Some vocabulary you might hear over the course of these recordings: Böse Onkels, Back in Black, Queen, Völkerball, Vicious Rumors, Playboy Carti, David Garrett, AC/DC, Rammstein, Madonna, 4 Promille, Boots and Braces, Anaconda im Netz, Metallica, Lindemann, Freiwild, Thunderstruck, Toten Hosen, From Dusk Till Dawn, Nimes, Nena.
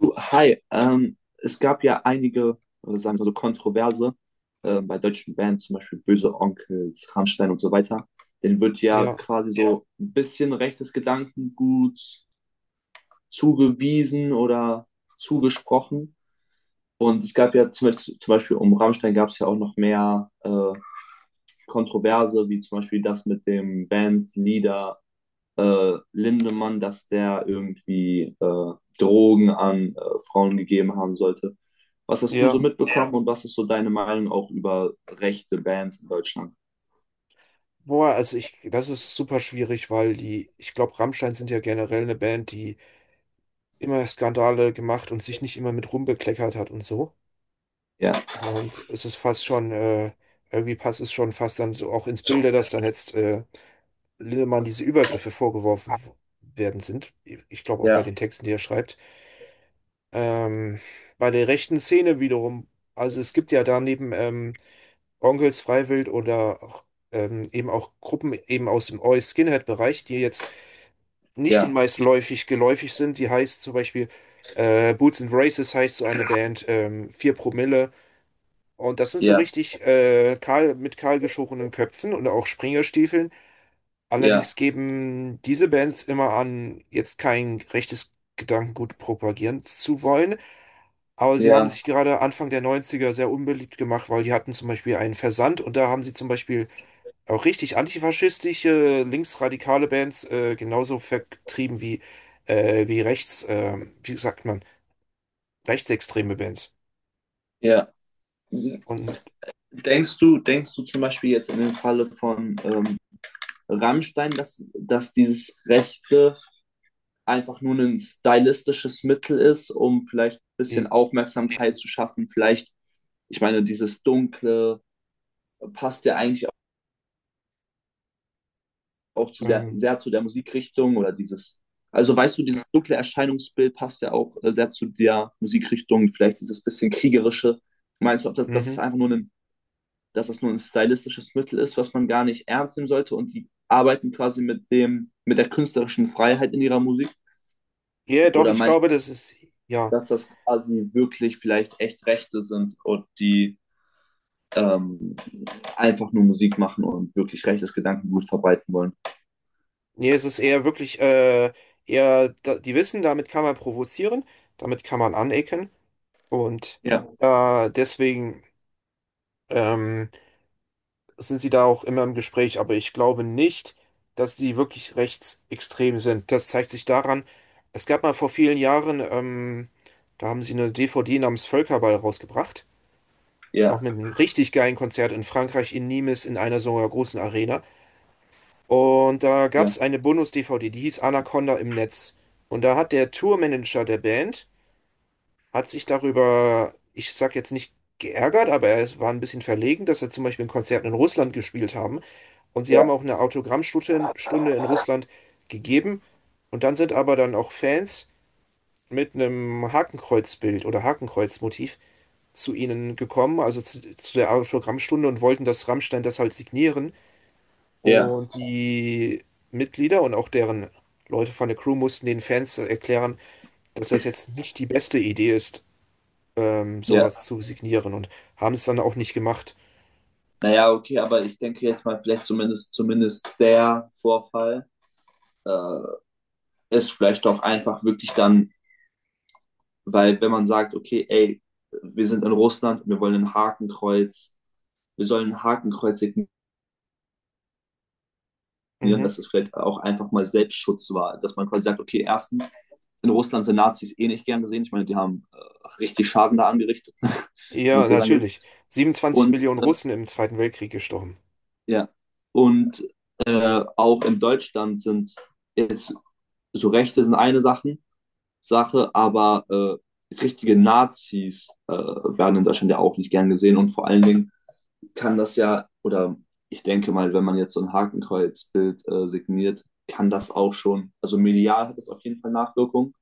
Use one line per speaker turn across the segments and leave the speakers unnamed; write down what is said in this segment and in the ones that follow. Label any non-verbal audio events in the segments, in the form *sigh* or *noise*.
Du, hi, es gab ja einige, sagen wir so, Kontroverse bei deutschen Bands, zum Beispiel Böse Onkels, Rammstein und so weiter. Denen wird ja
Ja,
quasi so ein bisschen rechtes Gedankengut zugewiesen oder zugesprochen. Und es gab ja zum Beispiel um Rammstein gab es ja auch noch mehr Kontroverse, wie zum Beispiel das mit dem Bandleader Lindemann, dass der irgendwie Drogen an Frauen gegeben haben sollte. Was hast du so
ja.
mitbekommen, ja, und was ist so deine Meinung auch über rechte Bands in Deutschland?
Boah, also ich, das ist super schwierig, weil die, ich glaube, Rammstein sind ja generell eine Band, die immer Skandale gemacht und sich nicht immer mit rumbekleckert hat und so.
Ja.
Und es ist fast schon, irgendwie passt es schon fast dann so auch ins Bilde, dass dann jetzt Lindemann diese Übergriffe vorgeworfen werden sind. Ich glaube auch bei
Ja,
den Texten, die er schreibt. Ähm, bei der rechten Szene wiederum, also es gibt ja daneben, Onkels Freiwild oder auch, eben auch Gruppen eben aus dem Oi Skinhead-Bereich, die jetzt nicht den
ja,
meisten läufig geläufig sind. Die heißt zum Beispiel Boots and Braces heißt so eine Band, 4 Promille. Und das sind so
ja,
richtig kahl, mit kahl geschorenen Köpfen und auch Springerstiefeln.
ja,
Allerdings geben diese Bands immer an, jetzt kein rechtes Gedankengut propagieren zu wollen. Aber sie haben
ja,
sich gerade Anfang der Neunziger sehr unbeliebt gemacht, weil die hatten zum Beispiel einen Versand und da haben sie zum Beispiel auch richtig antifaschistische, linksradikale Bands genauso vertrieben wie, wie rechts, wie sagt man, rechtsextreme Bands.
ja.
Und
Denkst du zum Beispiel jetzt in dem Falle von Rammstein, dass dieses Rechte einfach nur ein stylistisches Mittel ist, um vielleicht ein bisschen
äh,
Aufmerksamkeit zu schaffen? Vielleicht, ich meine, dieses Dunkle passt ja eigentlich auch zu sehr,
ähm,
sehr zu der Musikrichtung oder dieses, also weißt du, dieses dunkle Erscheinungsbild passt ja auch sehr zu der Musikrichtung, vielleicht dieses bisschen kriegerische. Meinst du, ob das, dass
mhm.
es einfach nur ein, dass das nur ein stylistisches Mittel ist, was man gar nicht ernst nehmen sollte, und die arbeiten quasi mit dem, mit der künstlerischen Freiheit in ihrer Musik?
Ja, doch,
Oder
ich
meinst du,
glaube, das ist, ja.
dass das quasi wirklich vielleicht echt Rechte sind und die ähm, einfach nur Musik machen und wirklich rechtes Gedankengut verbreiten wollen?
Nee, es ist eher wirklich, eher, da, die wissen, damit kann man provozieren, damit kann man anecken. Und
Ja,
deswegen, ähm, sind sie da auch immer im Gespräch, aber ich glaube nicht, dass sie wirklich rechtsextrem sind. Das zeigt sich daran, es gab mal vor vielen Jahren, da haben sie eine DVD namens Völkerball rausgebracht, auch
ja,
mit einem richtig geilen Konzert in Frankreich, in Nimes, in einer so einer großen Arena. Und da gab es
ja,
eine Bonus-DVD, die hieß Anaconda im Netz. Und da hat der Tourmanager der Band hat sich darüber, ich sag jetzt nicht geärgert, aber er war ein bisschen verlegen, dass er zum Beispiel in Konzerten in Russland gespielt haben. Und sie haben
ja,
auch eine Autogrammstunde in, Stunde in Russland gegeben. Und dann sind aber dann auch Fans mit einem Hakenkreuzbild oder Hakenkreuzmotiv zu ihnen gekommen, also zu der Autogrammstunde und wollten, dass Rammstein das halt signieren.
ja,
Und die Mitglieder und auch deren Leute von der Crew mussten den Fans erklären, dass das jetzt nicht die beste Idee ist, sowas
ja.
zu signieren und haben es dann auch nicht gemacht.
Naja, okay, aber ich denke jetzt mal, vielleicht zumindest, zumindest der Vorfall äh, ist vielleicht auch einfach wirklich dann, weil wenn man sagt, okay, ey, wir sind in Russland, wir wollen ein Hakenkreuz, wir sollen ein Hakenkreuz signieren,
Mhm.
dass es vielleicht auch einfach mal Selbstschutz war, dass man quasi sagt, okay, erstens, in Russland sind Nazis eh nicht gern gesehen, ich meine, die haben richtig Schaden da angerichtet, *laughs* wenn man
Ja,
es so sagen will.
natürlich. 27
Und
Millionen
äh,
Russen im Zweiten Weltkrieg gestorben.
Ja. Und auch in Deutschland sind jetzt so Rechte sind eine Sache, Sache, aber richtige Nazis werden in Deutschland ja auch nicht gern gesehen. Und vor allen Dingen kann das ja, oder ich denke mal, wenn man jetzt so ein Hakenkreuzbild signiert, kann das auch schon, also medial hat das auf jeden Fall Nachwirkung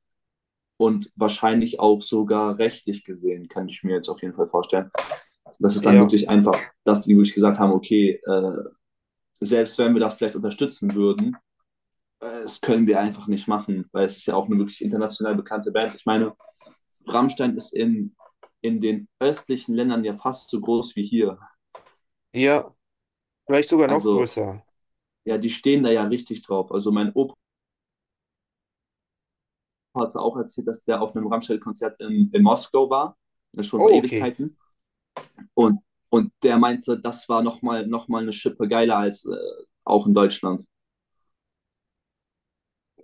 und wahrscheinlich auch sogar rechtlich gesehen, kann ich mir jetzt auf jeden Fall vorstellen. Das ist dann
Ja,
wirklich einfach, dass die wirklich gesagt haben, okay, selbst wenn wir da vielleicht unterstützen würden, das können wir einfach nicht machen, weil es ist ja auch eine wirklich international bekannte Band. Ich meine, Rammstein ist in den östlichen Ländern ja fast so groß wie hier.
ja, vielleicht sogar noch
Also
größer.
ja, die stehen da ja richtig drauf. Also mein Opa hat auch erzählt, dass der auf einem Rammstein-Konzert in Moskau war, das ist schon vor
Oh, okay.
Ewigkeiten. Und, und der meinte, das war noch mal eine Schippe geiler als auch in Deutschland.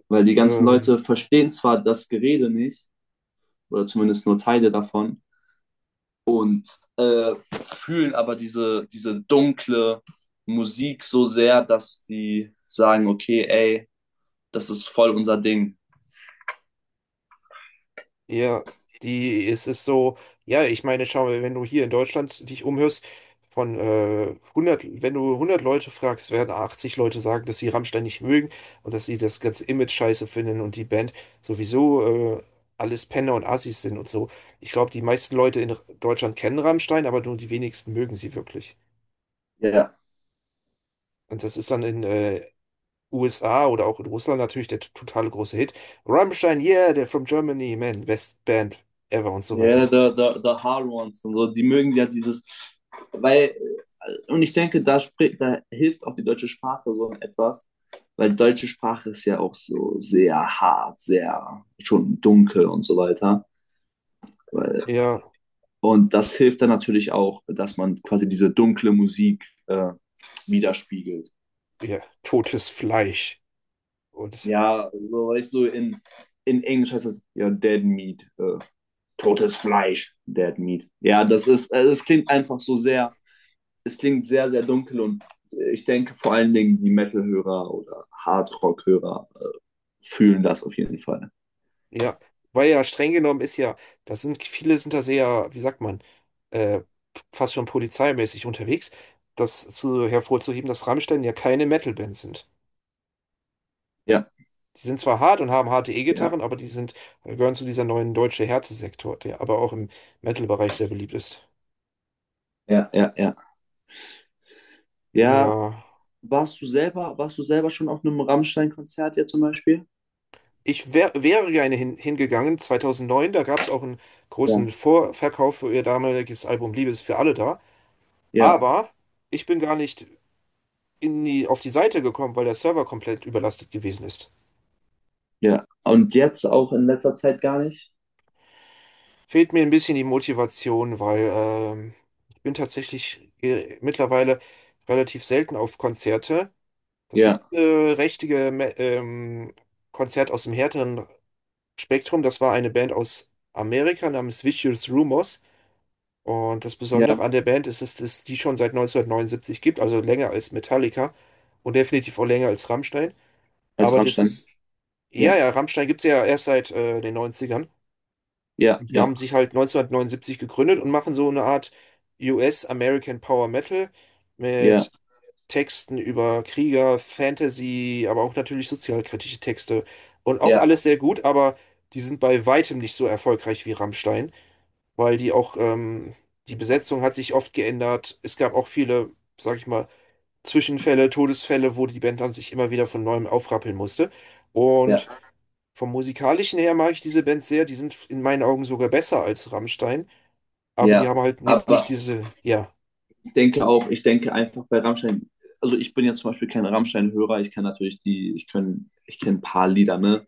Weil die ganzen
Ähm,
Leute verstehen zwar das Gerede nicht, oder zumindest nur Teile davon, und fühlen aber diese, diese dunkle Musik so sehr, dass die sagen, okay, ey, das ist voll unser Ding.
Ja, die, es ist so, ja, ich meine, schau mal, wenn du hier in Deutschland dich umhörst, von 100, wenn du 100 Leute fragst, werden 80 Leute sagen, dass sie Rammstein nicht mögen und dass sie das ganze Image scheiße finden und die Band sowieso alles Penner und Assis sind und so. Ich glaube, die meisten Leute in Deutschland kennen Rammstein, aber nur die wenigsten mögen sie wirklich.
Ja, yeah.
Und das ist dann in USA oder auch in Russland natürlich der totale große Hit. Rammstein, yeah, they're from Germany, man, best band ever und so
Ja, yeah,
weiter.
the Hard Ones und so, die mögen ja dieses, weil, und ich denke, da, spricht, da hilft auch die deutsche Sprache so etwas, weil die deutsche Sprache ist ja auch so sehr hart, sehr schon dunkel und so weiter. Weil
Ja,
und das hilft dann natürlich auch, dass man quasi diese dunkle Musik widerspiegelt.
ja, totes Fleisch. Und
Ja, so weißt du, in Englisch heißt das ja Dead Meat, totes Fleisch, Dead Meat. Ja, das ist, es klingt einfach so sehr, es klingt sehr, sehr dunkel und ich denke vor allen Dingen die Metal-Hörer oder Hardrock-Hörer fühlen das auf jeden Fall.
ja, weil ja streng genommen ist ja, das sind, viele sind da sehr, wie sagt man, äh, fast schon polizeimäßig unterwegs, das zu, hervorzuheben, dass Rammstein ja keine Metalband sind.
Ja,
Die sind zwar hart und haben harte
ja,
E-Gitarren, aber gehören zu dieser neuen deutsche Härtesektor, der aber auch im Metal-Bereich sehr beliebt ist.
ja, ja, ja. Ja,
Ja,
warst du selber schon auf einem Rammstein-Konzert, ja, zum Beispiel?
ich wäre gerne hingegangen, 2009, da gab es auch einen
Ja,
großen Vorverkauf für ihr damaliges Album Liebe ist für alle da.
ja,
Aber ich bin gar nicht auf die Seite gekommen, weil der Server komplett überlastet gewesen ist.
ja. Und jetzt auch in letzter Zeit gar nicht?
Fehlt mir ein bisschen die Motivation, weil ich bin tatsächlich mittlerweile relativ selten auf Konzerte. Das
Ja,
letzte richtige Konzert aus dem härteren Spektrum, das war eine Band aus Amerika namens Vicious Rumors. Und das
ja,
Besondere an der Band ist, dass es die schon seit 1979 gibt, also länger als Metallica und definitiv auch länger als Rammstein.
als
Aber das
Rammstein.
ist Ja,
Ja,
ja, Rammstein gibt's ja erst seit den Neunzigern.
ja,
Und die
ja,
haben sich halt 1979 gegründet und machen so eine Art US-American Power Metal
ja,
mit Texten über Krieger, Fantasy, aber auch natürlich sozialkritische Texte. Und auch
ja,
alles sehr gut, aber die sind bei weitem nicht so erfolgreich wie Rammstein, weil die auch, die Besetzung hat sich oft geändert. Es gab auch viele, sag ich mal, Zwischenfälle, Todesfälle, wo die Band dann sich immer wieder von neuem aufrappeln musste.
ja,
Und vom Musikalischen her mag ich diese Band sehr. Die sind in meinen Augen sogar besser als Rammstein. Aber die
ja.
haben halt nicht
Aber
diese. Ja.
ich denke auch, ich denke einfach bei Rammstein, also ich bin ja zum Beispiel kein Rammstein-Hörer, ich kann natürlich die, ich kann, ich kenne ein paar Lieder, ne?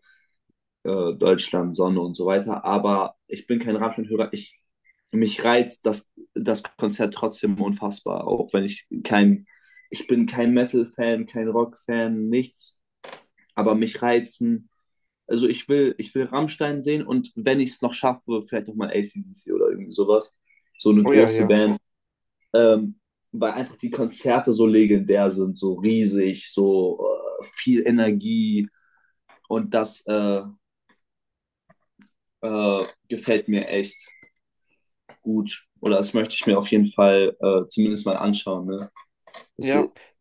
Deutschland, Sonne und so weiter. Aber ich bin kein Rammstein-Hörer. Ich, mich reizt das, das Konzert trotzdem unfassbar, auch wenn ich kein, ich bin kein Metal-Fan, kein Rock-Fan, nichts. Aber mich reizen, also ich will Rammstein sehen, und wenn ich es noch schaffe, vielleicht noch mal AC/DC oder irgendwie sowas. So eine
Oh ja,
große
ja.
Band. Ähm, Weil einfach die Konzerte so legendär sind, so riesig, so viel Energie und das gefällt mir echt gut. Oder das möchte ich mir auf jeden Fall zumindest mal anschauen. Ne? Es
Ja.
wird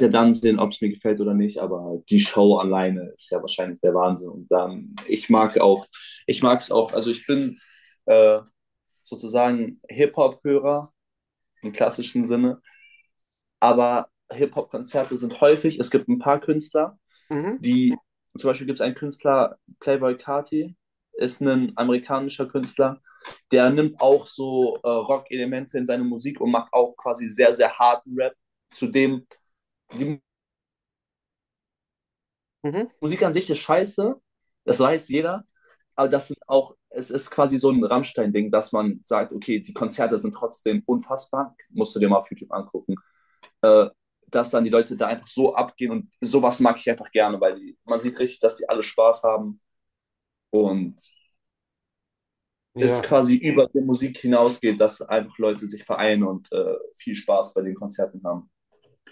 ja dann sehen, ob es mir gefällt oder nicht, aber die Show alleine ist ja wahrscheinlich der Wahnsinn. Und dann, ich mag auch, ich mag es auch, also ich bin äh, sozusagen Hip-Hop-Hörer im klassischen Sinne, aber Hip-Hop-Konzerte sind häufig, es gibt ein paar Künstler,
Mhm.
die, zum Beispiel gibt es einen Künstler, Playboy Carti, ist ein amerikanischer Künstler, der nimmt auch so Rock-Elemente in seine Musik und macht auch quasi sehr, sehr harten Rap. Zudem, die
Mhm.
Musik an sich ist scheiße, das weiß jeder, aber das sind auch, es ist quasi so ein Rammstein-Ding, dass man sagt, okay, die Konzerte sind trotzdem unfassbar, musst du dir mal auf YouTube angucken, äh, dass dann die Leute da einfach so abgehen und sowas mag ich einfach gerne, weil die, man sieht richtig, dass die alle Spaß haben und es
Ja.
quasi über die Musik hinausgeht, dass einfach Leute sich vereinen und viel Spaß bei den Konzerten haben.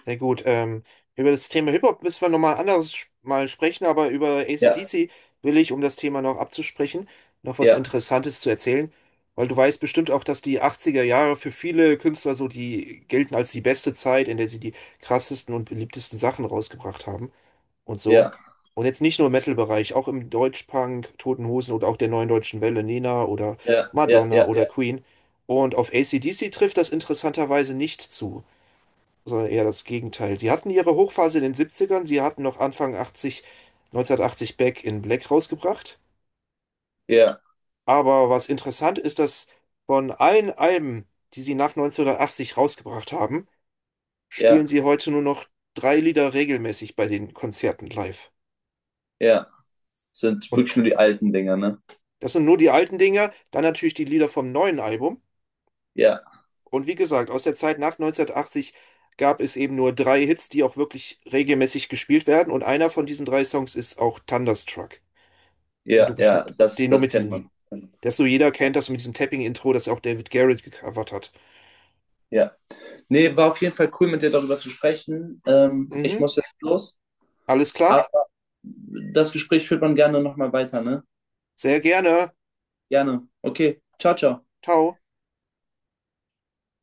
Sehr gut. Über das Thema Hip-Hop müssen wir nochmal anders mal sprechen. Aber über
Ja,
AC/DC will ich, um das Thema noch abzusprechen, noch was
ja,
Interessantes zu erzählen. Weil du weißt bestimmt auch, dass die 80er Jahre für viele Künstler so, die gelten als die beste Zeit, in der sie die krassesten und beliebtesten Sachen rausgebracht haben und so.
ja,
Und jetzt nicht nur im Metal-Bereich, auch im Deutschpunk, Toten Hosen oder auch der Neuen Deutschen Welle, Nena oder
ja, ja,
Madonna
ja,
oder
ja,
Queen. Und auf AC/DC trifft das interessanterweise nicht zu, sondern eher das Gegenteil. Sie hatten ihre Hochphase in den Siebzigern, sie hatten noch Anfang 80, 1980 Back in Black rausgebracht.
ja,
Aber was interessant ist, dass von allen Alben, die sie nach 1980 rausgebracht haben,
ja,
spielen sie heute nur noch drei Lieder regelmäßig bei den Konzerten live.
ja. Sind
Und
wirklich nur die alten Dinger, ne?
das sind nur die alten Dinger, dann natürlich die Lieder vom neuen Album.
Ja,
Und wie gesagt, aus der Zeit nach 1980 gab es eben nur drei Hits, die auch wirklich regelmäßig gespielt werden. Und einer von diesen drei Songs ist auch Thunderstruck, den
ja,
du
ja,
bestimmt,
das,
den du
das
mit
kennt
diesem,
man.
das nur jeder kennt, das mit diesem Tapping-Intro, das auch David Garrett gecovert hat.
Ja. Nee, war auf jeden Fall cool, mit dir darüber zu sprechen. Ich
Mhm,
muss jetzt los.
alles klar?
Aber das Gespräch führt man gerne nochmal weiter, ne?
Sehr gerne.
Gerne. Okay. Ciao, ciao.
Ciao.